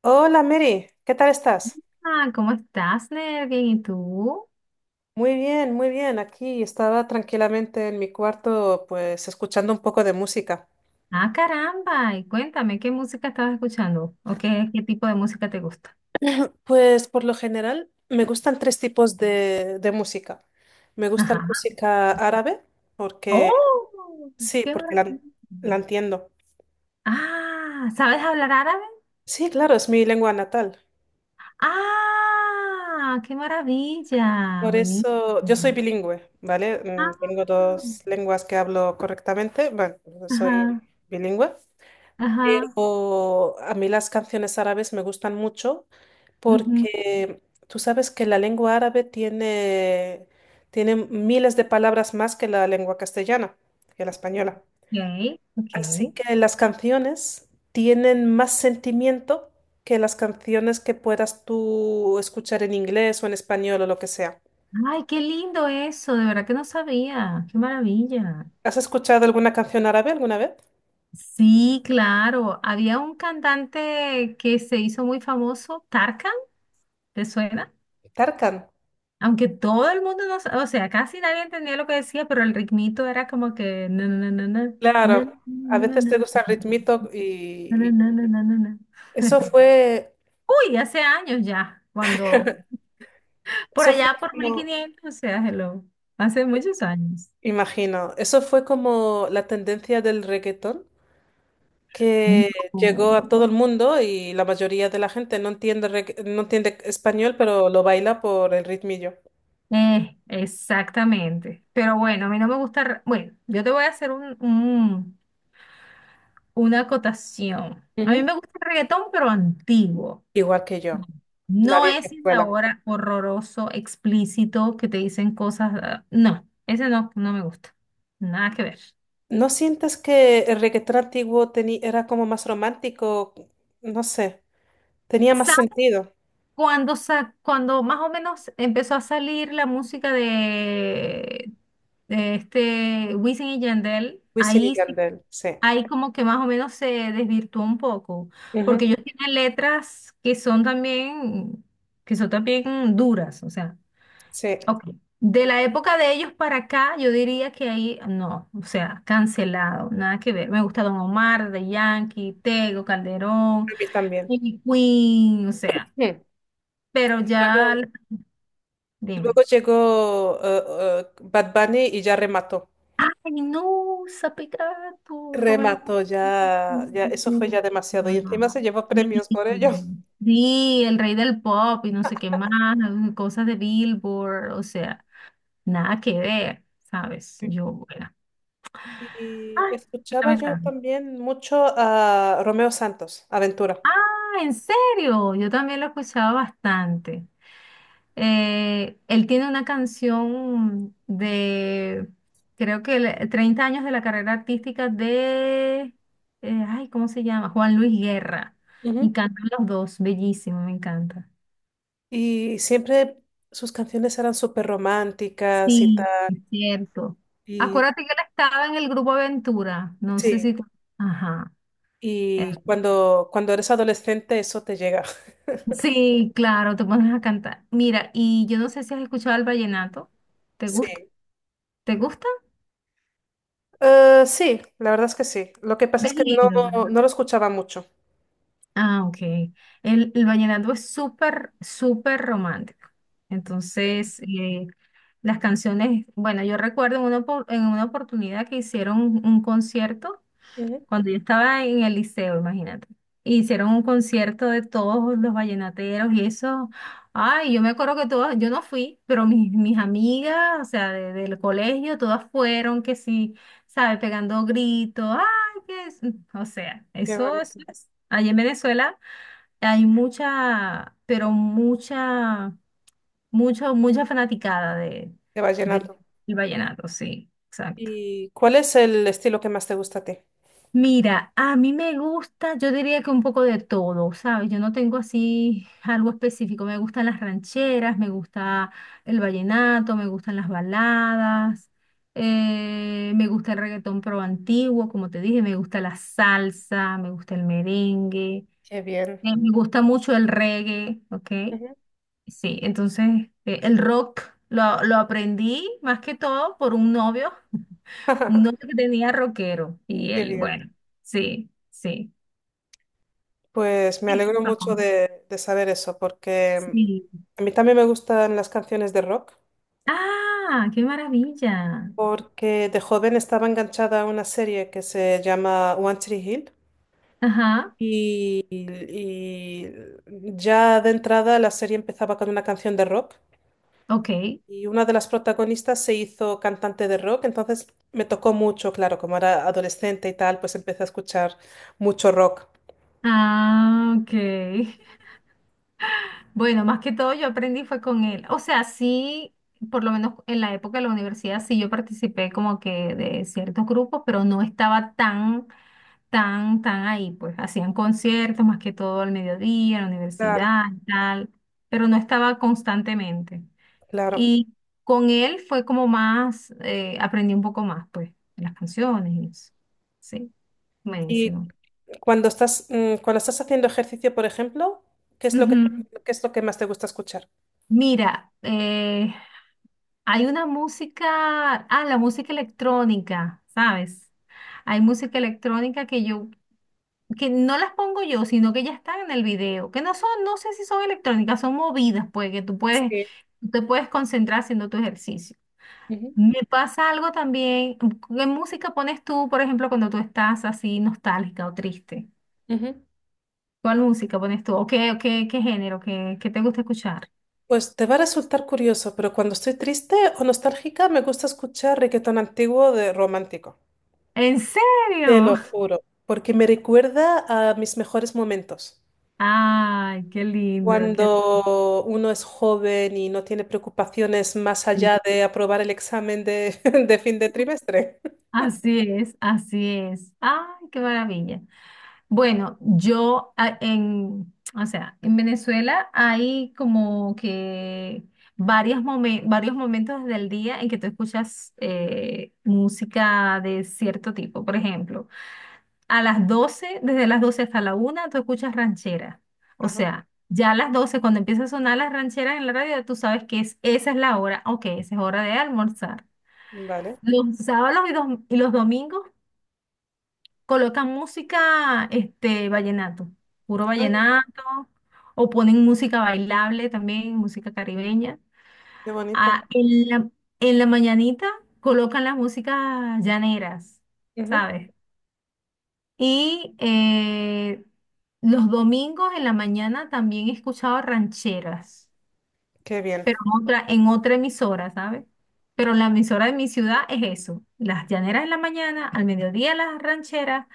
Hola Mary, ¿qué tal estás? Ah, ¿cómo estás, Ner? Bien, ¿y tú? Muy bien, muy bien. Aquí estaba tranquilamente en mi cuarto, pues escuchando un poco de música. Ah, caramba, y cuéntame, ¿qué música estabas escuchando? ¿O qué tipo de música te gusta? Pues por lo general me gustan 3 tipos de música. Me gusta la Ajá. música árabe, porque ¡Oh! sí, ¡Qué porque la, maravilla! la entiendo. Ah, ¿sabes hablar árabe? Sí, claro, es mi lengua natal. ¡Ah! ¡Qué maravilla! Por Buenísimo. eso yo soy bilingüe, ¿vale? Tengo Ah, 2 lenguas que hablo correctamente. Bueno, soy ajá, bilingüe. ajá. Pero a mí las canciones árabes me gustan mucho Ujú. porque tú sabes que la lengua árabe tiene miles de palabras más que la lengua castellana, que la española. Ok, ok. Así que las canciones tienen más sentimiento que las canciones que puedas tú escuchar en inglés o en español o lo que sea. Ay, qué lindo eso, de verdad que no sabía. ¡Qué maravilla! ¿Has escuchado alguna canción árabe alguna vez? Sí, claro. Había un cantante que se hizo muy famoso, Tarkan, ¿te suena? Tarkan. Aunque todo el mundo no, o sea, casi nadie entendía lo que decía, pero el ritmito era como que na, na, na, na, na, Claro, a na, na, veces na, te gusta el ritmito na, y na, y na, na, na, na. eso fue... Uy, hace años ya, cuando por Eso fue allá por mil como, quinientos, o sea, hello, hace muchos años. imagino, eso fue como la tendencia del reggaetón que No. llegó a todo el mundo y la mayoría de la gente no entiende, no entiende español, pero lo baila por el ritmillo. Exactamente. Pero bueno, a mí no me gusta. Bueno, yo te voy a hacer una acotación. A mí Ujú. me gusta el reggaetón, pero antiguo. Igual que yo, la No vieja ese de escuela. ahora horroroso, explícito, que te dicen cosas. No, ese no, no me gusta. Nada que ver. ¿No sientes que el reggaetón antiguo era como más romántico? No sé, tenía más Sa- sentido. cuando más o menos empezó a salir la música de este Wisin y Yandel, Wisin y ahí, sí- Yandel, sí. ahí como que más o menos se desvirtuó un poco, Ujú. porque ellos tienen letras que son también duras, o sea. Sí, a Ok. De la época de ellos para acá, yo diría que ahí no, o sea, cancelado, nada que ver. Me gusta Don Omar, The Yankee, Tego, Calderón, mí también. Ivy Queen, o sea, Mm. pero ya, dime. Luego llegó Bad Bunny y ya remató. Ay, no, Sapicato, Domingo. Remató, ya, ya, eso fue ya demasiado. Y Ajá. encima se llevó premios por ello. Sí, el rey del pop y no sé qué más, cosas de Billboard, o sea, nada que ver, ¿sabes? Yo, bueno. Y Ay, qué escuchaba yo lamentable. también mucho a Romeo Santos, Aventura. Ah, ¿en serio? Yo también lo escuchaba bastante. Él tiene una canción de, creo que 30 años de la carrera artística de, ay, ¿cómo se llama? Juan Luis Guerra. Y Ujú. cantan los dos, bellísimo, me encanta. Y siempre sus canciones eran súper románticas y Sí, tal. es cierto. Y Acuérdate que él estaba en el grupo Aventura, no sé sí, si... Ajá. Eh, y cuando eres adolescente eso te llega. Sí, claro, te pones a cantar. Mira, y yo no sé si has escuchado el vallenato. ¿Te gusta? Sí. ¿Te gusta? Sí, la verdad es que sí. Lo que pasa es Es que no, lindo, ¿verdad? no lo escuchaba mucho. Ah, ok. El vallenato es súper, súper romántico. Sí. Entonces, las canciones, bueno, yo recuerdo en una oportunidad que hicieron un concierto. Ujú. Cuando yo estaba en el liceo, imagínate. Hicieron un concierto de todos los vallenateros y eso. Ay, yo me acuerdo que todas, yo no fui, pero mis amigas, o sea, del colegio, todas fueron que sí, ¿sabes? Pegando gritos. Ay, que es. O sea, Qué eso bonito. es. Allí en Venezuela hay mucha, pero mucha, mucho, mucha fanaticada De de, vallenato. del vallenato, sí, exacto. ¿Y cuál es el estilo que más te gusta a ti? Mira, a mí me gusta, yo diría que un poco de todo, ¿sabes? Yo no tengo así algo específico. Me gustan las rancheras, me gusta el vallenato, me gustan las baladas, me gusta el reggaetón pro antiguo, como te dije, me gusta la salsa, me gusta el merengue, Qué bien. Me gusta mucho el reggae, ¿ok? Ujú. Sí, entonces el rock lo aprendí más que todo por un novio que tenía rockero y Qué él, bien. bueno, sí. Sí. Pues me alegro Eso, mucho de saber eso, porque sí. A mí también me gustan las canciones de rock, Ah, qué maravilla. porque de joven estaba enganchada a una serie que se llama One Tree Hill Ajá, y ya de entrada la serie empezaba con una canción de rock. ok. Y una de las protagonistas se hizo cantante de rock, entonces me tocó mucho, claro, como era adolescente y tal, pues empecé a escuchar mucho rock. Ah, ok. Bueno, más que todo yo aprendí fue con él. O sea, sí, por lo menos en la época de la universidad, sí yo participé como que de ciertos grupos, pero no estaba tan, tan, tan ahí. Pues hacían conciertos más que todo al mediodía, en la universidad Claro. y tal, pero no estaba constantemente. Claro. Y con él fue como más, aprendí un poco más, pues, de las canciones y eso. Sí, Y buenísimo. cuando estás, cuando estás haciendo ejercicio, por ejemplo, ¿qué es lo Ujú. qué es lo que más te gusta escuchar? Mira, hay una música, la música electrónica, ¿sabes? Hay música electrónica que yo, que no las pongo yo, sino que ya están en el video, que no son, no sé si son electrónicas, son movidas, pues, que Sí. tú te puedes concentrar haciendo tu ejercicio. Ujú, Me pasa algo también. ¿Qué música pones tú, por ejemplo, cuando tú estás así nostálgica o triste? ujú. ¿Cuál música pones tú? ¿Qué género? ¿Qué te gusta escuchar? Pues te va a resultar curioso, pero cuando estoy triste o nostálgica, me gusta escuchar reggaetón antiguo de romántico. ¿En Te serio? lo juro, porque me recuerda a mis mejores momentos. Ay, qué lindo, qué Cuando uno es joven y no tiene preocupaciones más lindo. allá de aprobar el examen de fin de trimestre. Así es, así es. Ay, qué maravilla. Bueno, o sea, en Venezuela hay como que varios momentos del día en que tú escuchas música de cierto tipo. Por ejemplo, a las 12, desde las 12 hasta la una, tú escuchas ranchera. O Ajá, sea, ya a las doce cuando empieza a sonar las rancheras en la radio, tú sabes que es, esa es la hora, ok, esa es hora de almorzar. vale. Los sábados y los domingos colocan música, este, vallenato, puro Ah, vallenato, o ponen música bailable también, música caribeña. qué bonito. Ah, en la mañanita colocan las músicas llaneras, Ujú. ¿sabes? Y los domingos en la mañana también he escuchado rancheras Qué bien. pero en otra emisora, ¿sabes? Pero la emisora de mi ciudad es eso, las llaneras en la mañana, al mediodía las rancheras,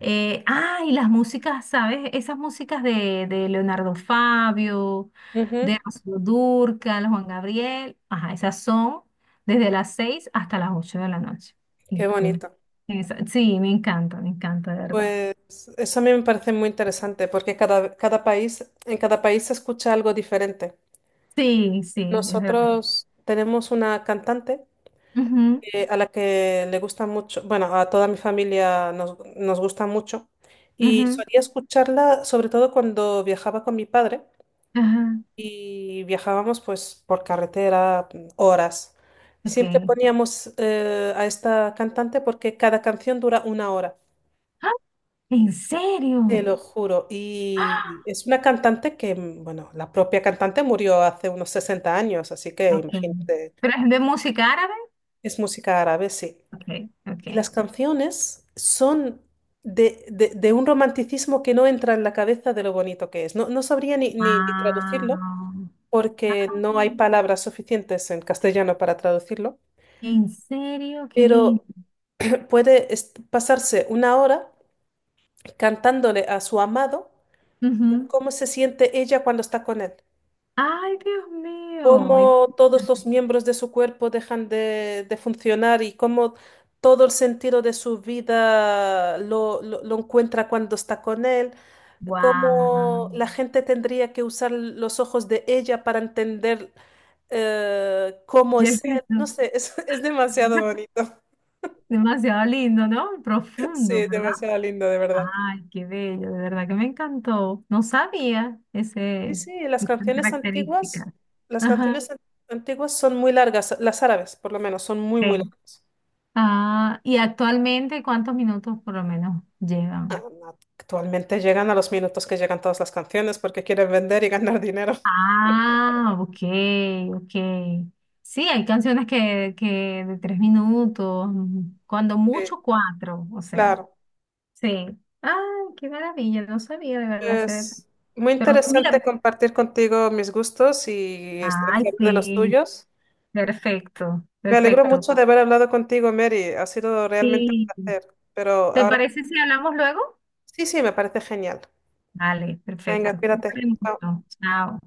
y las músicas, ¿sabes? Esas músicas de Leonardo Fabio, de Ujú. Rocío Dúrcal, Juan Gabriel, ajá, esas son desde las 6 hasta las 8 de la noche. Qué Y tú la- bonito. sí, me encanta, de verdad. Pues eso a mí me parece muy interesante porque cada país, en cada país se escucha algo diferente. Sí, sí, es verdad. Nosotros tenemos una cantante Ujú, a la que le gusta mucho, bueno, a toda mi familia nos gusta mucho y ujú, solía escucharla sobre todo cuando viajaba con mi padre ajá, y viajábamos pues por carretera horas. ok. Siempre poníamos a esta cantante porque cada canción dura 1 hora, ¡Ah! ¿En serio? te lo juro. Y Ah, es una cantante que, bueno, la propia cantante murió hace unos 60 años, así que okay. imagínate, ¿Pero es de música árabe? es música árabe, sí. Okay, Y okay. las canciones son de un romanticismo que no entra en la cabeza de lo bonito que es. No, no sabría ni traducirlo Wow. porque Ah, no hay palabras suficientes en castellano para traducirlo, ¿en serio? Qué lindo. pero puede pasarse 1 hora cantándole a su amado Ujú. cómo se siente ella cuando está con él. Ay, Dios mío. Cómo todos los miembros de su cuerpo dejan de funcionar y cómo todo el sentido de su vida lo encuentra cuando está con él, Wow. cómo la gente tendría que usar los ojos de ella para entender cómo Qué es él. No lindo. sé, es, es demasiado bonito. Demasiado lindo, ¿no? Y profundo, Sí, ¿verdad? demasiado lindo, de verdad. Ay, qué bello, de verdad que me encantó. No sabía Sí, ese, sí, las esas canciones antiguas, características. las Ajá. canciones an- antiguas son muy largas, las árabes por lo menos, son muy, muy Ok. largas. Ah, y actualmente, ¿cuántos minutos por lo menos llevan? Actualmente llegan a los minutos que llegan todas las canciones porque quieren vender y ganar dinero. Ah, ok, ok. Sí, hay canciones que de 3 minutos, cuando Sí, mucho cuatro, o sea, claro. sí. Ay, qué maravilla, no sabía de verdad ese detalle. Es muy Pero interesante mira, compartir contigo mis gustos y estar ay, siempre de los sí, tuyos. perfecto, Me alegro perfecto. mucho de haber hablado contigo, Mary. Ha sido realmente un Sí. placer. Pero ¿Te ahora parece si hablamos luego? sí, sí, me parece genial. Vale, Venga, perfecto. Te cuídate. quiero Chao. mucho. Chao.